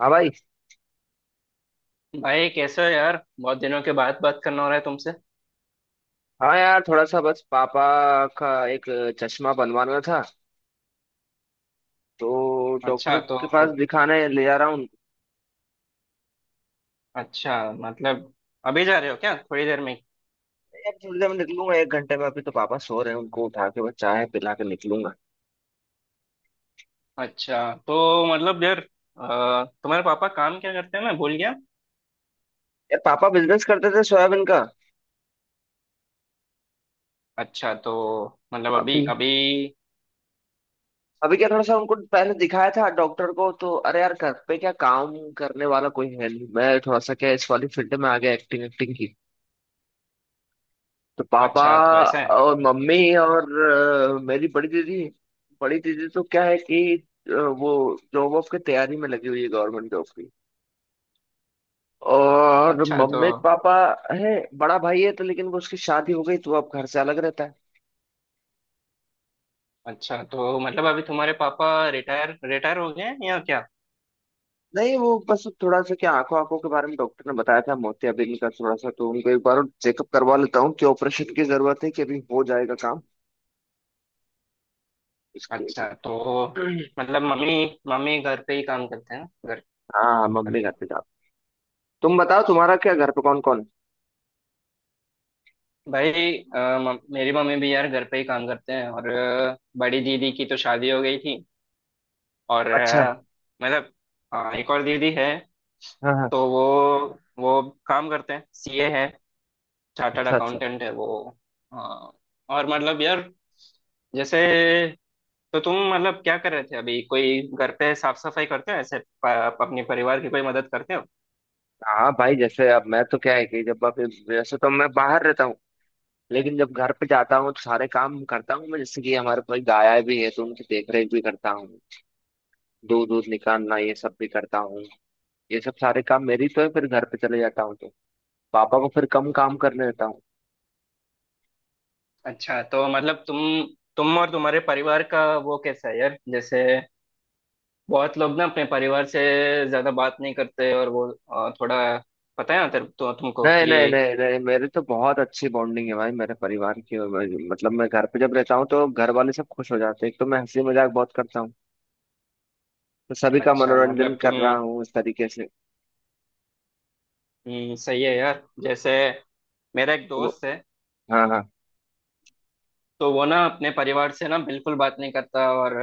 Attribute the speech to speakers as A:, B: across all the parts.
A: हाँ भाई।
B: भाई कैसे हो यार? बहुत दिनों के बाद बात करना हो रहा है तुमसे।
A: हाँ यार, थोड़ा सा बस पापा का एक चश्मा बनवाना था तो डॉक्टर
B: अच्छा तो।
A: के पास दिखाने ले जा रहा हूँ।
B: अच्छा मतलब अभी जा रहे हो क्या थोड़ी देर में?
A: यार थोड़ी देर में निकलूंगा, एक घंटे में। अभी तो पापा सो रहे हैं, उनको उठा के बस चाय पिला के निकलूंगा।
B: अच्छा तो मतलब यार, तुम्हारे पापा काम क्या करते हैं, मैं भूल गया।
A: यार पापा बिजनेस करते थे सोयाबीन का।
B: अच्छा तो मतलब अभी
A: अभी।
B: अभी?
A: अभी क्या, थोड़ा सा उनको पहले दिखाया था डॉक्टर को तो, अरे यार घर पे क्या काम करने वाला कोई है नहीं, मैं थोड़ा सा क्या इस वाली फील्ड में आ गया एक्टिंग, एक्टिंग तो पापा।
B: अच्छा तो ऐसा है।
A: और मम्मी और मेरी बड़ी दीदी। बड़ी दीदी तो क्या है कि वो जॉब वॉब की तैयारी में लगी हुई है, गवर्नमेंट जॉब की। और
B: अच्छा तो।
A: मम्मी पापा है। बड़ा भाई है तो, लेकिन वो, उसकी शादी हो गई तो वो अब घर से अलग रहता है।
B: अच्छा तो मतलब अभी तुम्हारे पापा रिटायर रिटायर हो गए हैं या क्या?
A: नहीं, वो बस थोड़ा सा क्या, आंखों आंखों के बारे में डॉक्टर ने बताया था, मोतियाबिंद का थोड़ा सा, तो उनको एक बार चेकअप करवा लेता हूँ कि ऑपरेशन की जरूरत है कि अभी हो जाएगा काम। इसके
B: अच्छा
A: हिसाब।
B: तो मतलब मम्मी मम्मी घर पे ही काम करते हैं ना? घर
A: हाँ,
B: घर
A: मम्मी घर
B: पे।
A: पे, जाओ। तुम बताओ, तुम्हारा क्या घर पे कौन कौन है?
B: भाई अ, मेरी मम्मी भी यार घर पे ही काम करते हैं, और बड़ी दीदी की तो शादी हो गई थी। और
A: अच्छा।
B: मतलब एक और दीदी है।
A: हाँ हाँ।
B: तो वो काम करते हैं, सीए है, चार्टर्ड
A: अच्छा अच्छा।
B: अकाउंटेंट है वो। अ, और मतलब यार जैसे, तो तुम मतलब क्या कर रहे थे अभी? कोई घर पे साफ सफाई करते हो ऐसे, अपने परिवार की कोई मदद करते हो?
A: हाँ भाई, जैसे अब मैं तो क्या है कि जब अब, वैसे तो मैं बाहर रहता हूँ। लेकिन जब घर पे जाता हूँ तो सारे काम करता हूँ मैं, जैसे कि हमारे पास गाय भी है तो उनकी देख रेख भी करता हूँ। दूध दूध निकालना ये सब भी करता हूँ। ये सब सारे काम मेरी तो है, फिर घर पे चले जाता हूँ तो पापा को फिर कम काम करने देता हूँ।
B: अच्छा तो मतलब तुम और तुम्हारे परिवार का वो कैसा है यार? जैसे बहुत लोग ना अपने परिवार से ज्यादा बात नहीं करते, और वो थोड़ा, पता है ना तेरे, तो तुमको
A: नहीं नहीं
B: कि।
A: नहीं नहीं, मेरी तो बहुत अच्छी बॉन्डिंग है भाई, मेरे परिवार की। और मतलब मैं घर पे जब रहता हूँ तो घर वाले सब खुश हो जाते हैं, एक तो मैं हंसी मजाक बहुत करता हूँ। तो सभी का
B: अच्छा
A: मनोरंजन
B: मतलब
A: कर
B: तुम,
A: रहा हूँ इस तरीके से।
B: सही है यार। जैसे मेरा एक
A: तो।
B: दोस्त है,
A: हाँ हाँ
B: तो वो ना अपने परिवार से ना बिल्कुल बात नहीं करता, और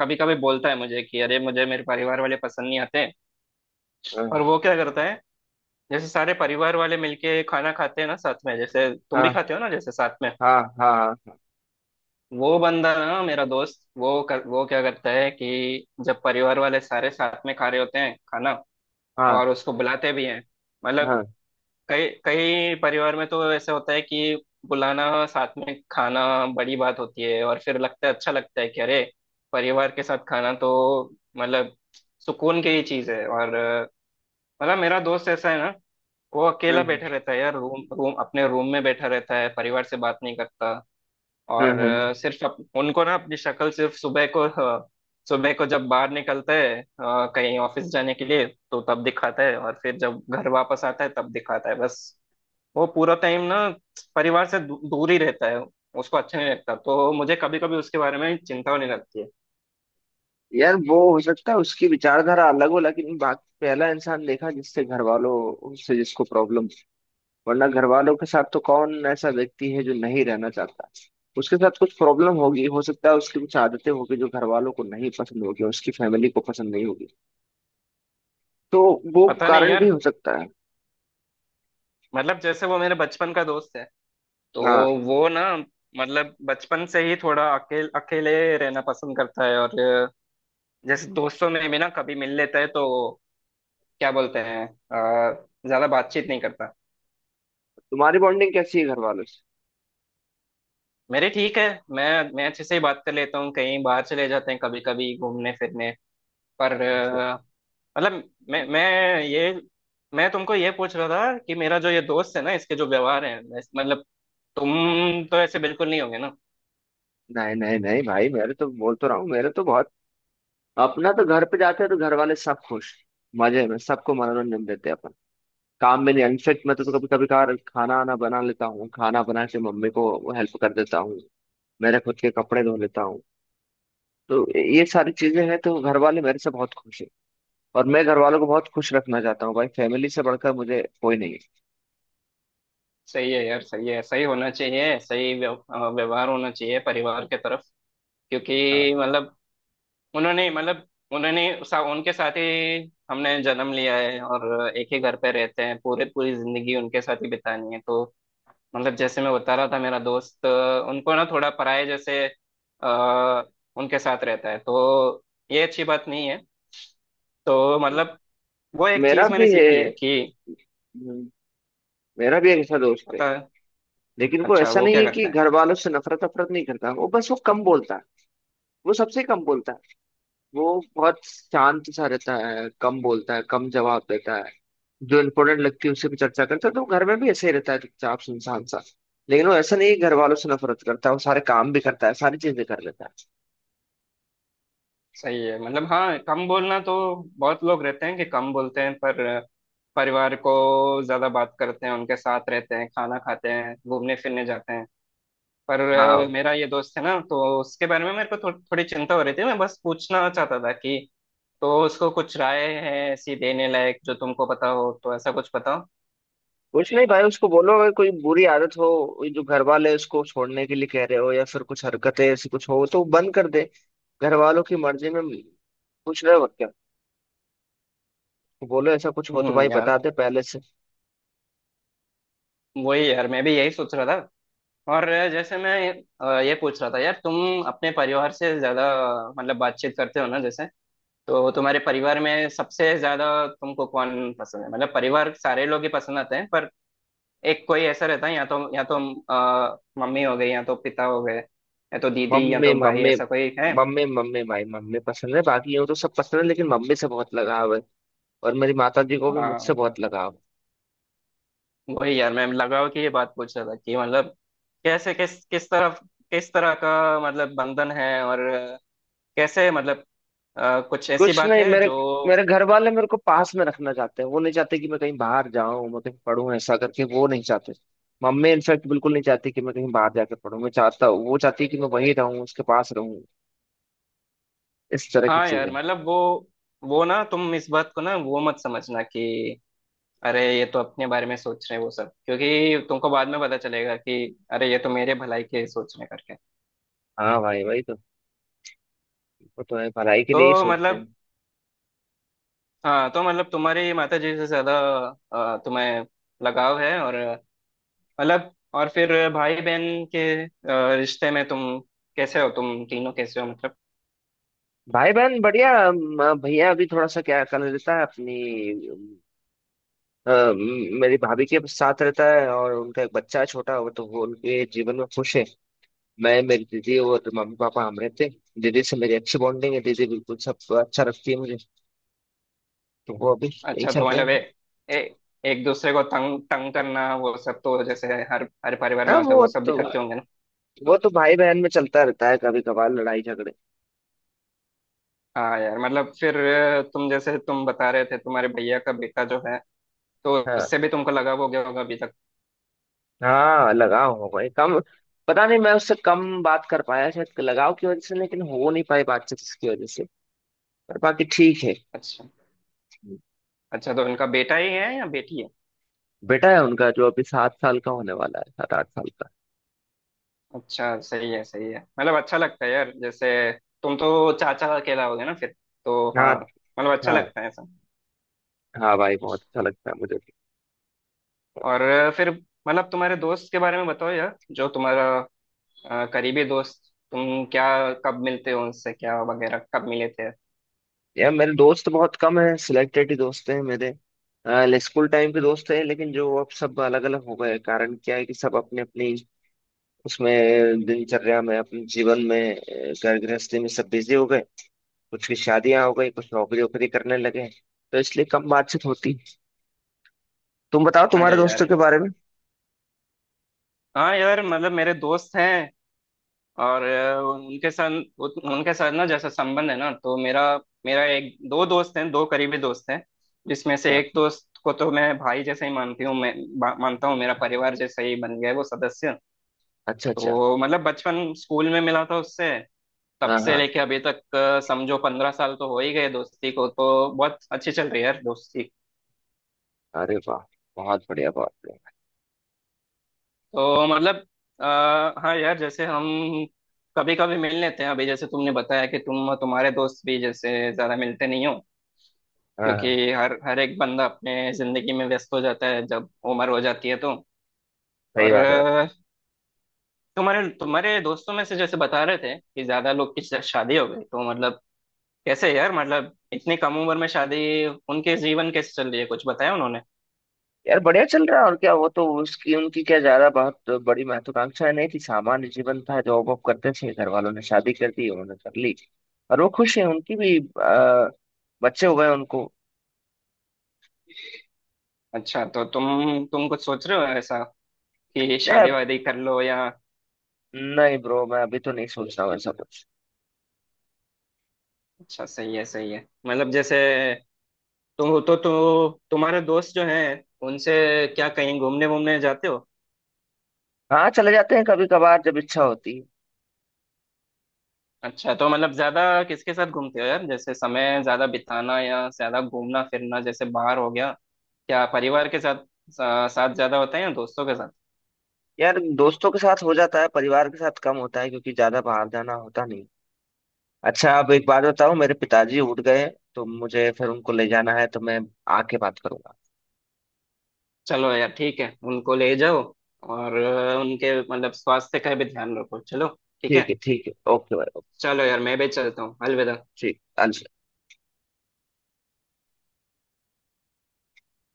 B: कभी कभी बोलता है मुझे कि अरे, मुझे मेरे परिवार वाले पसंद नहीं आते।
A: हाँ
B: और वो क्या करता है? जैसे सारे परिवार वाले मिलके खाना खाते हैं ना साथ में, जैसे तुम भी
A: हाँ
B: खाते हो ना जैसे साथ में।
A: हाँ हाँ
B: वो बंदा ना मेरा दोस्त, वो क्या करता है कि जब परिवार वाले सारे साथ में खा रहे होते हैं खाना,
A: हाँ
B: और उसको बुलाते भी हैं, मतलब
A: हाँ।
B: कई कई परिवार में तो ऐसे होता है कि बुलाना साथ में खाना बड़ी बात होती है, और फिर लगता है अच्छा लगता है कि अरे, परिवार के साथ खाना तो मतलब सुकून की ही चीज है। और मतलब मेरा दोस्त ऐसा है ना, वो अकेला
A: हम्म,
B: बैठा रहता है यार, रूम रूम अपने रूम में बैठा रहता है, परिवार से बात नहीं करता। और
A: हम्म, हम्म।
B: सिर्फ उनको ना अपनी शक्ल सिर्फ सुबह को, सुबह को जब बाहर निकलता है कहीं ऑफिस जाने के लिए, तो तब दिखाता है, और फिर जब घर वापस आता है तब दिखाता है बस। वो पूरा टाइम ना परिवार से दूर ही रहता है, उसको अच्छा नहीं लगता, तो मुझे कभी कभी उसके बारे में चिंता होने लगती है।
A: यार, वो हो सकता है उसकी विचारधारा अलग हो, लेकिन बात, पहला इंसान देखा जिससे घर वालों से, जिसको प्रॉब्लम। वरना घर वालों के साथ तो कौन ऐसा व्यक्ति है जो नहीं रहना चाहता। उसके साथ कुछ प्रॉब्लम होगी, हो सकता है उसकी कुछ आदतें होगी जो घर वालों को नहीं पसंद होगी, उसकी फैमिली को पसंद नहीं होगी। तो वो
B: पता नहीं
A: कारण भी
B: यार,
A: हो सकता है।
B: मतलब जैसे वो मेरे बचपन का दोस्त है, तो
A: हाँ।
B: वो ना मतलब बचपन से ही थोड़ा अकेले अकेले रहना पसंद करता है, और जैसे दोस्तों में भी ना कभी मिल लेता है तो क्या बोलते हैं, ज्यादा बातचीत नहीं करता।
A: तुम्हारी बॉन्डिंग कैसी है घर वालों से?
B: मेरे ठीक है, मैं मैं अच्छे से ही बात कर लेता हूँ, कहीं बाहर चले जाते हैं कभी कभी घूमने फिरने। पर
A: अच्छा।
B: मतलब ये मैं तुमको ये पूछ रहा था कि मेरा जो ये दोस्त है ना, इसके जो व्यवहार है, मतलब तुम तो ऐसे बिल्कुल नहीं होगे ना।
A: नहीं नहीं नहीं भाई, मेरे तो, बोल तो रहा हूँ, मेरे तो बहुत, अपना तो घर पे जाते हैं तो घर वाले सब खुश, मजे में सबको मनोरंजन देते हैं अपन। काम में नहीं अनफिट, मैं तो कभी कभी कभार खाना आना बना लेता हूँ, खाना बना के मम्मी को हेल्प कर देता हूँ। मेरे खुद के कपड़े धो लेता हूँ। तो ये सारी चीजें हैं तो घर वाले मेरे से बहुत खुश हैं। और मैं घर वालों को बहुत खुश रखना चाहता हूँ भाई, फैमिली से बढ़कर मुझे कोई नहीं है।
B: सही है यार, सही है, सही होना चाहिए, सही व्यवहार होना चाहिए परिवार के तरफ, क्योंकि
A: हाँ।
B: मतलब उन्होंने, मतलब उन्होंने उनके साथ ही हमने जन्म लिया है और एक ही घर पे रहते हैं, पूरे पूरी जिंदगी उनके साथ ही बितानी है, तो। मतलब जैसे मैं बता रहा था मेरा दोस्त, उनको ना थोड़ा पराये जैसे आ, उनके साथ रहता है, तो ये अच्छी बात नहीं है। तो मतलब वो एक
A: मेरा
B: चीज
A: भी
B: मैंने
A: है।
B: सीखी है कि,
A: हम्म। मेरा भी एक ऐसा दोस्त है।
B: पता।
A: लेकिन वो
B: अच्छा,
A: ऐसा
B: वो
A: नहीं
B: क्या
A: है कि
B: करता है?
A: घर वालों से नफरत अफरत नहीं करता, वो बस, वो कम बोलता है। वो सबसे कम बोलता है। वो बहुत शांत सा रहता है, कम बोलता है, कम जवाब देता है। जो इम्पोर्टेंट लगती है उसी पे चर्चा करता है, तो वो घर में भी ऐसे ही रहता है, चुपचाप सुनसान सा। लेकिन वो ऐसा नहीं है कि घर वालों से नफरत करता है, वो सारे काम भी करता है, सारी चीजें कर लेता है।
B: सही है मतलब। हाँ, कम बोलना तो बहुत लोग रहते हैं कि कम बोलते हैं, पर परिवार को ज्यादा बात करते हैं, उनके साथ रहते हैं, खाना खाते हैं, घूमने फिरने जाते हैं। पर
A: हाँ।
B: मेरा ये दोस्त है ना, तो उसके बारे में मेरे को थोड़ी चिंता हो रही थी, मैं बस पूछना चाहता था कि तो उसको कुछ राय है ऐसी देने लायक जो तुमको पता हो, तो ऐसा कुछ बताओ।
A: कुछ नहीं भाई, उसको बोलो अगर कोई बुरी आदत हो, वो जो घर वाले उसको छोड़ने के लिए कह रहे हो, या फिर कुछ हरकतें ऐसी कुछ हो तो वो बंद कर दे। घर वालों की मर्जी में कुछ रहे वक्त क्या। तो बोलो, ऐसा कुछ हो तो भाई
B: यार,
A: बता दे पहले से।
B: वही यार, मैं भी यही सोच रहा था। और जैसे मैं ये पूछ रहा था यार, तुम अपने परिवार से ज्यादा मतलब बातचीत करते हो ना, जैसे तो तुम्हारे परिवार में सबसे ज्यादा तुमको कौन पसंद है? मतलब परिवार सारे लोग ही पसंद आते हैं, पर एक कोई ऐसा रहता है, या तो मम्मी हो गई, या तो पिता हो गए, या तो दीदी, या
A: मम्मी,
B: तो भाई,
A: मम्मी।
B: ऐसा कोई है?
A: मम्मी मम्मी भाई, मम्मी पसंद है, बाकी यूँ तो सब पसंद है लेकिन मम्मी से बहुत लगाव है। और मेरी माता जी को भी
B: आ,
A: मुझसे बहुत लगाव है।
B: वही यार, मैं लगाव की ये बात पूछ रहा था कि मतलब कैसे, किस किस तरफ, किस तरह का मतलब बंधन है, और कैसे मतलब कुछ ऐसी
A: कुछ
B: बात
A: नहीं,
B: है
A: मेरे
B: जो।
A: मेरे घर वाले मेरे को पास में रखना चाहते हैं, वो नहीं चाहते कि मैं कहीं बाहर जाऊं, मैं कहीं पढूं, ऐसा करके वो नहीं चाहते। मम्मी इनफैक्ट बिल्कुल नहीं चाहती कि मैं कहीं बाहर जाकर पढूं, मैं चाहता हूँ, वो चाहती है कि मैं वहीं रहूं, उसके पास रहूं। इस तरह की
B: हाँ यार
A: चीजें।
B: मतलब वो ना, तुम इस बात को ना वो मत समझना कि अरे, ये तो अपने बारे में सोच रहे हैं वो सब, क्योंकि तुमको बाद में पता चलेगा कि अरे, ये तो मेरे भलाई के सोच रहे हैं करके।
A: हाँ भाई भाई, तो, वो तो है, भलाई के लिए ही
B: तो
A: सोचते
B: मतलब
A: हैं।
B: हाँ, तो मतलब तुम्हारी माता जी से ज्यादा तुम्हें लगाव है। और मतलब, और फिर भाई बहन के रिश्ते में तुम कैसे हो? तुम तीनों कैसे हो मतलब?
A: भाई बहन बढ़िया, भैया अभी थोड़ा सा क्या कर लेता है अपनी, मेरी भाभी के साथ रहता है, और उनका एक बच्चा है छोटा, वो तो, वो उनके जीवन में खुश है। मैं, मेरी दीदी और मम्मी पापा, हम रहते हैं, दीदी से मेरी अच्छी बॉन्डिंग है, दीदी बिल्कुल सब अच्छा रखती है मुझे। तो वो अभी यही
B: अच्छा
A: चल
B: तो
A: रहे
B: मतलब
A: हैं।
B: ए, ए, एक दूसरे को तंग तंग करना वो सब तो जैसे हर हर परिवार में
A: हाँ,
B: होता है,
A: वो
B: वो सब भी
A: तो,
B: करते होंगे ना?
A: वो तो भाई बहन में चलता रहता है, कभी कभार लड़ाई झगड़े।
B: हाँ यार, मतलब फिर तुम, जैसे तुम बता रहे थे तुम्हारे भैया का बेटा जो है, तो
A: हाँ
B: उससे भी तुमको लगा हो गया होगा अभी तक।
A: हाँ, लगाव हो गए कम। पता नहीं, मैं उससे कम बात कर पाया, शायद लगाव की वजह से, लेकिन हो नहीं पाई बातचीत उसकी वजह से। पर बाकी ठीक है।
B: अच्छा। अच्छा तो उनका बेटा ही है या बेटी है?
A: बेटा है उनका, जो अभी 7 साल का होने वाला है, 7-8 साल का।
B: अच्छा, सही है सही है, मतलब अच्छा लगता है यार जैसे, तुम तो चाचा अकेला हो गए ना फिर, तो
A: हाँ।
B: हाँ, मतलब अच्छा
A: हाँ।
B: लगता है ऐसा।
A: हाँ भाई, बहुत अच्छा लगता है मुझे भी।
B: और फिर मतलब तुम्हारे दोस्त के बारे में बताओ यार, जो तुम्हारा करीबी दोस्त, तुम क्या, कब मिलते हो उनसे, क्या वगैरह, कब मिले थे?
A: यार मेरे दोस्त बहुत कम है, सिलेक्टेड ही दोस्त हैं मेरे। स्कूल टाइम के दोस्त हैं, लेकिन जो अब सब अलग अलग हो गए, कारण क्या है कि सब अपने अपनी, उसमें दिनचर्या में, अपने जीवन में, घर गृहस्थी में सब बिजी हो गए। कुछ की शादियां हो गई, कुछ नौकरी वोकरी करने लगे। तो इसलिए कम बातचीत होती। तुम बताओ तुम्हारे
B: अरे
A: दोस्तों
B: यार,
A: के बारे में।
B: हाँ यार मतलब मेरे दोस्त हैं, और उनके साथ, उनके साथ ना जैसा संबंध है ना, तो मेरा मेरा एक दो दोस्त हैं, दो करीबी दोस्त हैं, जिसमें से
A: अच्छा।
B: एक दोस्त को तो मैं भाई जैसे ही मानती हूँ, मैं मानता हूँ, मेरा परिवार जैसा ही बन गया है वो सदस्य।
A: अच्छा अच्छा।
B: तो मतलब बचपन स्कूल में मिला था उससे, तब
A: हाँ
B: से
A: हाँ।
B: लेके अभी तक, समझो 15 साल तो हो ही गए दोस्ती को, तो बहुत अच्छी चल रही है यार दोस्ती।
A: अरे वाह! बहुत बढ़िया बहुत बढ़िया।
B: तो मतलब हाँ यार, जैसे हम कभी कभी मिल लेते हैं, अभी जैसे तुमने बताया कि तुम, तुम्हारे दोस्त भी जैसे ज्यादा मिलते नहीं हो,
A: हाँ हाँ।
B: क्योंकि हर हर एक बंदा अपने जिंदगी में व्यस्त हो जाता है जब उम्र हो जाती है तो।
A: सही
B: और
A: बात है।
B: तुम्हारे तुम्हारे दोस्तों में से जैसे बता रहे थे कि ज्यादा लोग की शादी हो गई, तो मतलब कैसे यार, मतलब इतनी कम उम्र में शादी, उनके जीवन कैसे चल रही है, कुछ बताया उन्होंने?
A: यार बढ़िया चल रहा है और क्या, वो तो, उसकी उनकी क्या, ज्यादा बहुत बड़ी महत्वाकांक्षा नहीं थी, सामान्य जीवन था, जॉब वॉब करते थे, घर वालों ने शादी कर दी, उन्होंने कर ली। और वो खुश है, उनकी भी बच्चे हो गए उनको।
B: अच्छा तो तुम कुछ सोच रहे हो ऐसा कि
A: नहीं
B: शादी वादी कर लो या?
A: नहीं ब्रो, मैं अभी तो नहीं सोच रहा हूँ ऐसा कुछ।
B: अच्छा सही है सही है, मतलब जैसे तुम, तो तुम्हारे दोस्त जो हैं उनसे क्या कहीं घूमने वूमने जाते हो?
A: हाँ, चले जाते हैं कभी कभार जब इच्छा होती है।
B: अच्छा तो मतलब ज्यादा किसके साथ घूमते हो यार? जैसे समय ज्यादा बिताना या ज्यादा घूमना फिरना जैसे बाहर हो गया, क्या परिवार के साथ, साथ ज्यादा होता है या दोस्तों के साथ?
A: यार दोस्तों के साथ हो जाता है, परिवार के साथ कम होता है क्योंकि ज्यादा बाहर जाना होता नहीं। अच्छा, अब एक बात बताओ, मेरे पिताजी उठ गए हैं, तो मुझे फिर उनको ले जाना है, तो मैं आके बात करूंगा।
B: चलो यार ठीक है, उनको ले जाओ। और उनके मतलब स्वास्थ्य का भी ध्यान रखो, चलो, ठीक
A: ठीक है
B: है।
A: ठीक है, ओके भाई, ओके।
B: चलो यार, मैं भी चलता हूँ, अलविदा।
A: ठीक, अलविदा।